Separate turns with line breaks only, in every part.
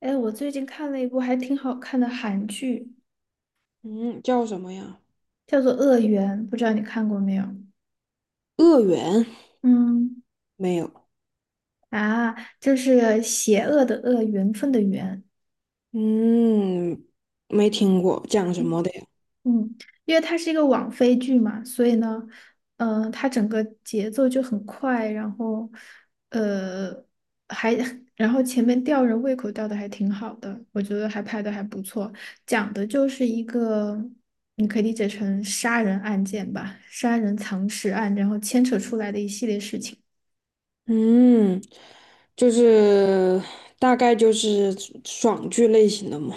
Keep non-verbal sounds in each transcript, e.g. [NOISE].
哎，我最近看了一部还挺好看的韩剧，
嗯，叫什么呀？
叫做《恶缘》，不知道你看过没有？
恶缘
嗯，
没有，
啊，就是邪恶的恶，缘分的缘。
嗯，没听过，讲什么的呀？
嗯，因为它是一个网飞剧嘛，所以呢，嗯、它整个节奏就很快，然后，呃，还 [LAUGHS] 然后前面吊人胃口吊的还挺好的，我觉得还拍的还不错。讲的就是一个，你可以理解成杀人案件吧，杀人藏尸案，然后牵扯出来的一系列事情。
嗯，就是大概就是爽剧类型的嘛。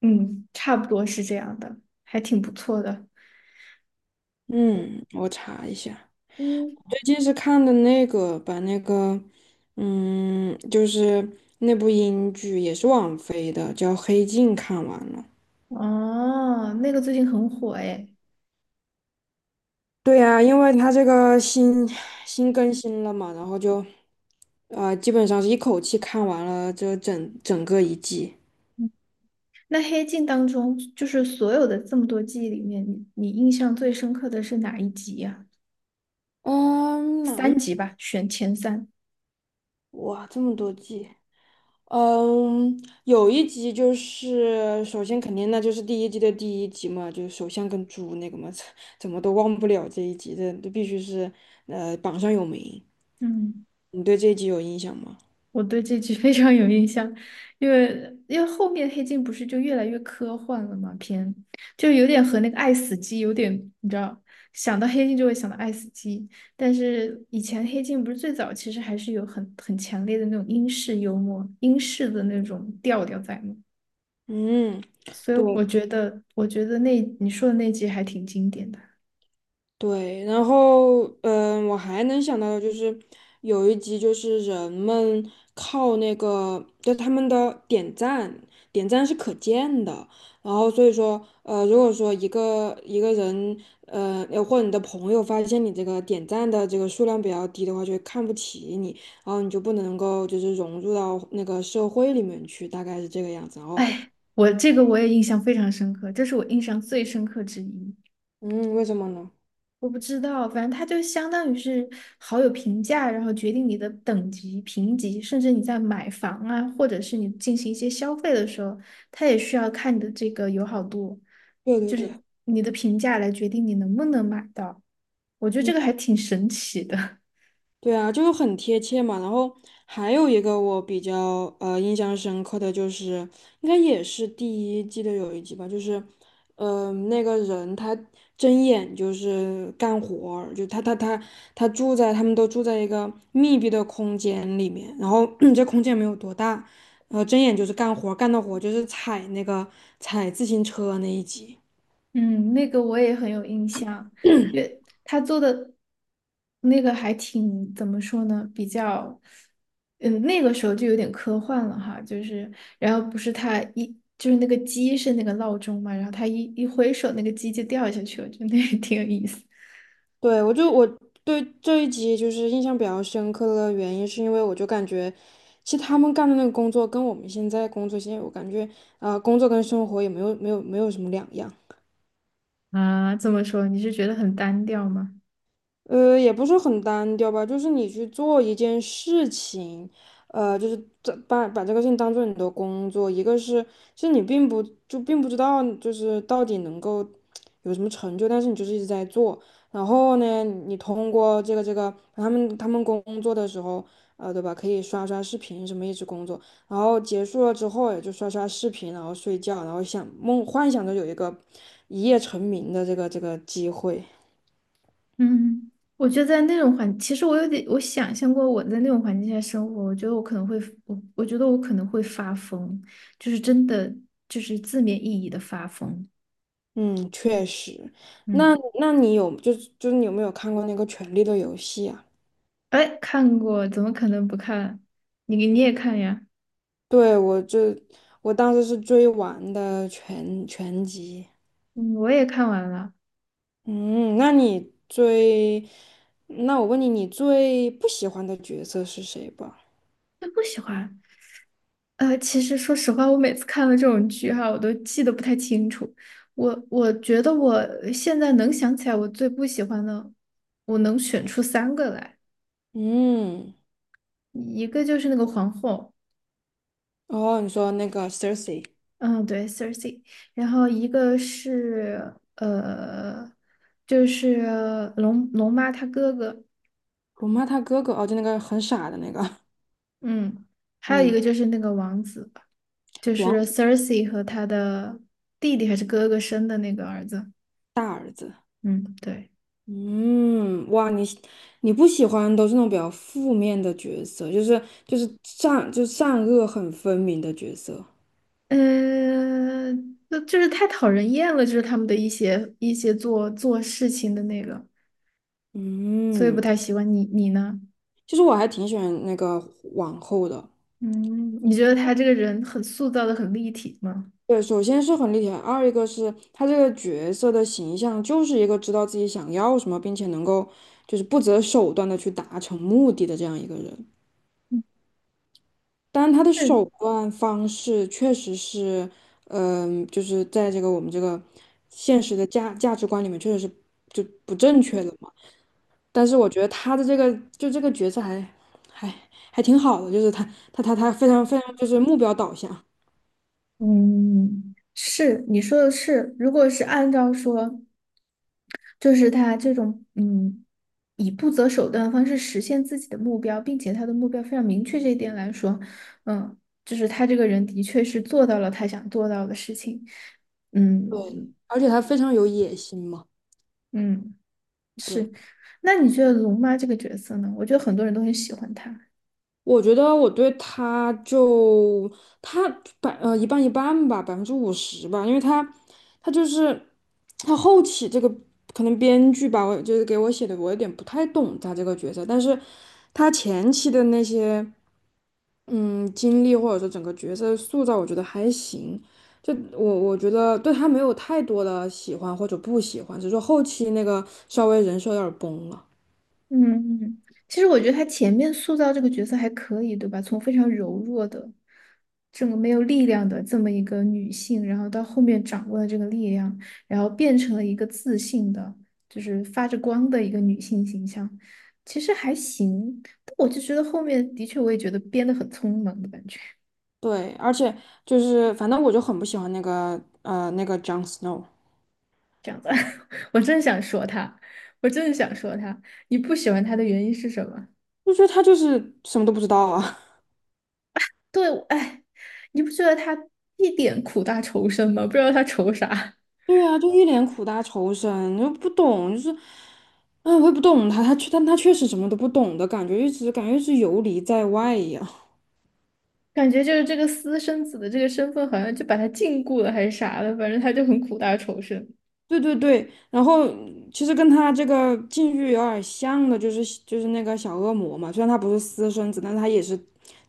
嗯，差不多是这样的，还挺不错的。
嗯，我查一下，
嗯，
最近是看的那个，把那个，嗯，就是那部英剧也是网飞的，叫《黑镜》，看完了。
哦，那个最近很火诶。
对呀，因为它这个新更新了嘛，然后就。啊、基本上是一口气看完了这整整个一季。
嗯，那《黑镜》当中，就是所有的这么多记忆里面，你印象最深刻的是哪一集呀、
嗯，哪一？哇，这么多季。嗯，有一集就是首先肯定那就是第一季的第一集嘛，就是首相跟猪那个嘛，[LAUGHS] 怎么都忘不了这一集，这必须是榜上有名。
嗯，
你对这一集有印象吗？
我对这集 [LAUGHS] 非常有印象，因为后面《黑镜》不是就越来越科幻了嘛，偏就有点和那个《爱死机》有点，你知道，想到《黑镜》就会想到《爱死机》，但是以前《黑镜》不是最早其实还是有很强烈的那种英式幽默、英式的那种调调在嘛，
嗯。
所以
对。
我觉得那你说的那集还挺经典的。
对，然后我还能想到的就是有一集就是人们靠那个，就他们的点赞，点赞是可见的，然后所以说如果说一个人或者你的朋友发现你这个点赞的这个数量比较低的话，就会看不起你，然后你就不能够就是融入到那个社会里面去，大概是这个样子。然后
哎，我这个我也印象非常深刻，这是我印象最深刻之一。
嗯，为什么呢？
我不知道，反正它就相当于是好友评价，然后决定你的等级、评级，甚至你在买房啊，或者是你进行一些消费的时候，它也需要看你的这个友好度，
对对
就
对。
是你的评价来决定你能不能买到。我觉得这
嗯。
个还挺神奇的。
对啊，就是很贴切嘛。然后还有一个我比较印象深刻的就是，应该也是第一季的有一集吧，就是，那个人他睁眼就是干活儿就他他他他住在他们都住在一个密闭的空间里面，然后 [CLEARS THROAT] 这空间没有多大，然后睁眼就是干的活儿就是踩自行车那一集。
嗯，那个我也很有印象，因为他做的那个还挺，怎么说呢，比较，嗯，那个时候就有点科幻了哈，就是，然后不是他一，就是那个鸡是那个闹钟嘛，然后他一挥手，那个鸡就掉下去了，就那个 [LAUGHS] 挺有意思。
对，我对这一集就是印象比较深刻的原因，是因为我就感觉，其实他们干的那个工作跟我们现在工作，现在我感觉，啊，工作跟生活也没有什么两样。
啊，这么说你是觉得很单调吗？
也不是很单调吧，就是你去做一件事情，就是这把这个事情当做你的工作。一个是，其实你并不知道，就是到底能够有什么成就，但是你就是一直在做。然后呢，你通过这个他们工作的时候，对吧？可以刷刷视频什么一直工作，然后结束了之后也就刷刷视频，然后睡觉，然后幻想着有一个一夜成名的这个机会。
嗯，我觉得在那种环，其实我有点，我想象过我在那种环境下生活，我觉得我可能会，我觉得我可能会发疯，就是真的，就是字面意义的发疯。
嗯，确实。那
嗯，
那你有就是就是你有没有看过那个《权力的游戏》啊？
哎，看过，怎么可能不看？你也看呀？
对，我当时是追完的全集。
嗯，我也看完了，
嗯，那我问你，你最不喜欢的角色是谁吧？
就不喜欢。呃，其实说实话，我每次看了这种剧哈，我都记得不太清楚。我觉得我现在能想起来，我最不喜欢的，我能选出三个来。
嗯，
一个就是那个皇后，
哦，你说那个 Cersei，
嗯，对，Cersei，然后一个是就是龙妈她哥哥，
辱骂他哥哥，哦，就那个很傻的那个，
嗯，还有一个
嗯，
就是那个王子，就
王
是 Cersei 和她的弟弟还是哥哥生的那个儿子，
大儿子。
嗯，对，
嗯，哇，你不喜欢都是那种比较负面的角色，就是就是善恶很分明的角色。
就是太讨人厌了，就是他们的一些做事情的那个，所以不
嗯，
太喜欢你，你呢？
其实我还挺喜欢那个王后的。
嗯，你觉得他这个人很塑造的很立体吗？
对，首先是很立体，二一个是她这个角色的形象就是一个知道自己想要什么，并且能够就是不择手段的去达成目的的这样一个人。但他的手
嗯，
段方式确实是，就是在我们这个现实的价值观里面，确实是就不正确的嘛。但是我觉得他的这个就这个角色还还挺好的，就是他非常非常就是目标导向，
嗯，是你说的是，如果是按照说，就是他这种嗯，以不择手段的方式实现自己的目标，并且他的目标非常明确这一点来说，嗯，就是他这个人的确是做到了他想做到的事情，
对，
嗯，
而且他非常有野心嘛，
嗯，
对。
是。那你觉得龙妈这个角色呢？我觉得很多人都很喜欢她。
我觉得我对他就他一半一半吧，50%吧，因为他就是他后期这个可能编剧吧，我就是给我写的，我有点不太懂他这个角色，但是他前期的那些嗯经历或者说整个角色塑造，我觉得还行。就我觉得对他没有太多的喜欢或者不喜欢，只是说后期那个稍微人设有点儿崩了。
嗯，嗯，其实我觉得他前面塑造这个角色还可以，对吧？从非常柔弱的、这个没有力量的这么一个女性，然后到后面掌握了这个力量，然后变成了一个自信的，就是发着光的一个女性形象，其实还行。但我就觉得后面的确，我也觉得编得很匆忙的感觉，
对，而且就是反正我就很不喜欢那个 Jon Snow，
这样子。[LAUGHS] 我真想说他，我真的想说他，你不喜欢他的原因是什么？
就觉得他就是什么都不知道啊。
对，哎，你不觉得他一点苦大仇深吗？不知道他仇啥，
[LAUGHS] 对啊，就一脸苦大仇深，又不懂，就是，嗯，我也不懂他，但他确实什么都不懂的感觉，一直感觉是游离在外一样。
感觉就是这个私生子的这个身份好像就把他禁锢了还是啥的，反正他就很苦大仇深。
[LAUGHS] 对对对，然后其实跟他这个境遇有点像的，就是那个小恶魔嘛，虽然他不是私生子，但是他也是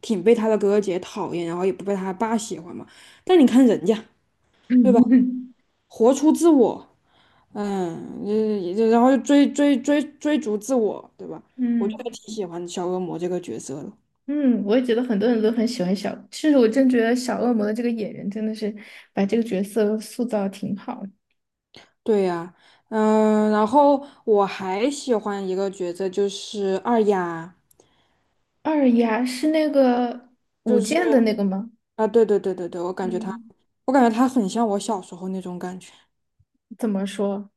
挺被他的哥哥姐讨厌，然后也不被他爸喜欢嘛。但你看人家，
[LAUGHS]
对吧？
嗯，
活出自我。嗯，也然后就追逐自我，对吧？我觉得
嗯，
挺喜欢小恶魔这个角色的。
嗯，我也觉得很多人都很喜欢小，其实我真觉得小恶魔的这个演员真的是把这个角色塑造得挺好的。
对呀，嗯，然后我还喜欢一个角色，就是二丫，
二丫是那个舞
就是
剑的那个吗？
啊，对对对对对，
嗯，
我感觉她很像我小时候那种感觉。
怎么说？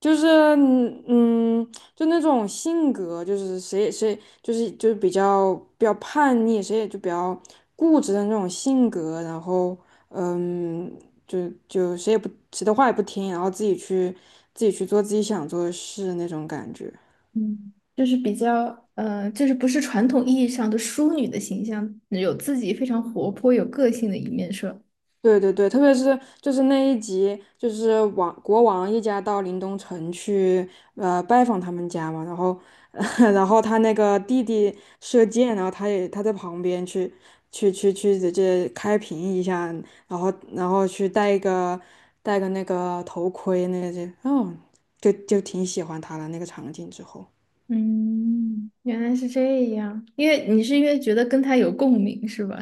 就是就那种性格，就是谁也谁就是比较叛逆，谁也就比较固执的那种性格，然后嗯，就谁的话也不听，然后自己去做自己想做的事那种感觉。
嗯，就是比较，就是不是传统意义上的淑女的形象，有自己非常活泼、有个性的一面，是吧？
对对对，特别是就是那一集，就是王一家到临东城去拜访他们家嘛，然后 [LAUGHS] 然后他那个弟弟射箭，然后他也在旁边去直接开屏一下，然后去戴个那个头盔那些，哦，就挺喜欢他的那个场景之后。
嗯，原来是这样，因为你是因为觉得跟他有共鸣，是吧？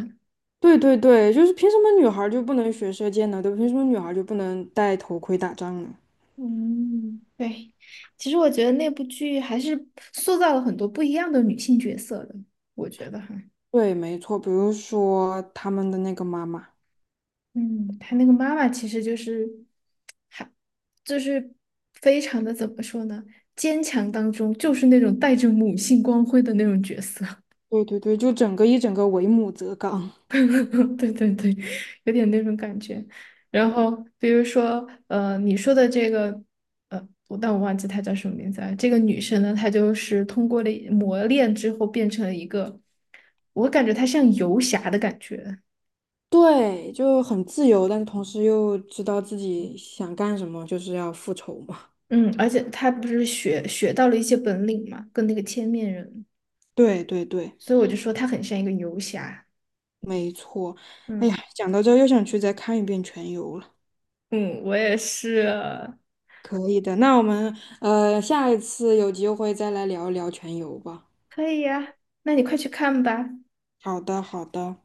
对对对，就是凭什么女孩儿就不能学射箭呢？对吧凭什么女孩儿就不能戴头盔打仗呢？
嗯，对。其实我觉得那部剧还是塑造了很多不一样的女性角色的，我觉得哈。
对，没错，比如说他们的那个妈妈，
嗯，他那个妈妈其实就是，还就是非常的怎么说呢？坚强当中就是那种带着母性光辉的那种角色，
对对对，就整个为母则刚，
[LAUGHS] 对对对，有点那种感觉。然后比如说，你说的这个，我但我忘记她叫什么名字了。这个女生呢，她就是通过了磨练之后变成了一个，我感觉她像游侠的感觉。
对，就很自由，但是同时又知道自己想干什么，就是要复仇嘛。
嗯，而且她不是学到了一些本领嘛，跟那个千面人。
[LAUGHS] 对对对，
所以我就说他很像一个游侠。
哎
嗯，
呀，讲到这儿又想去再看一遍《全游》了。
嗯，我也是。
可以的，那我们下一次有机会再来聊一聊《全游》吧。
可以呀，那你快去看吧。
好的，好的。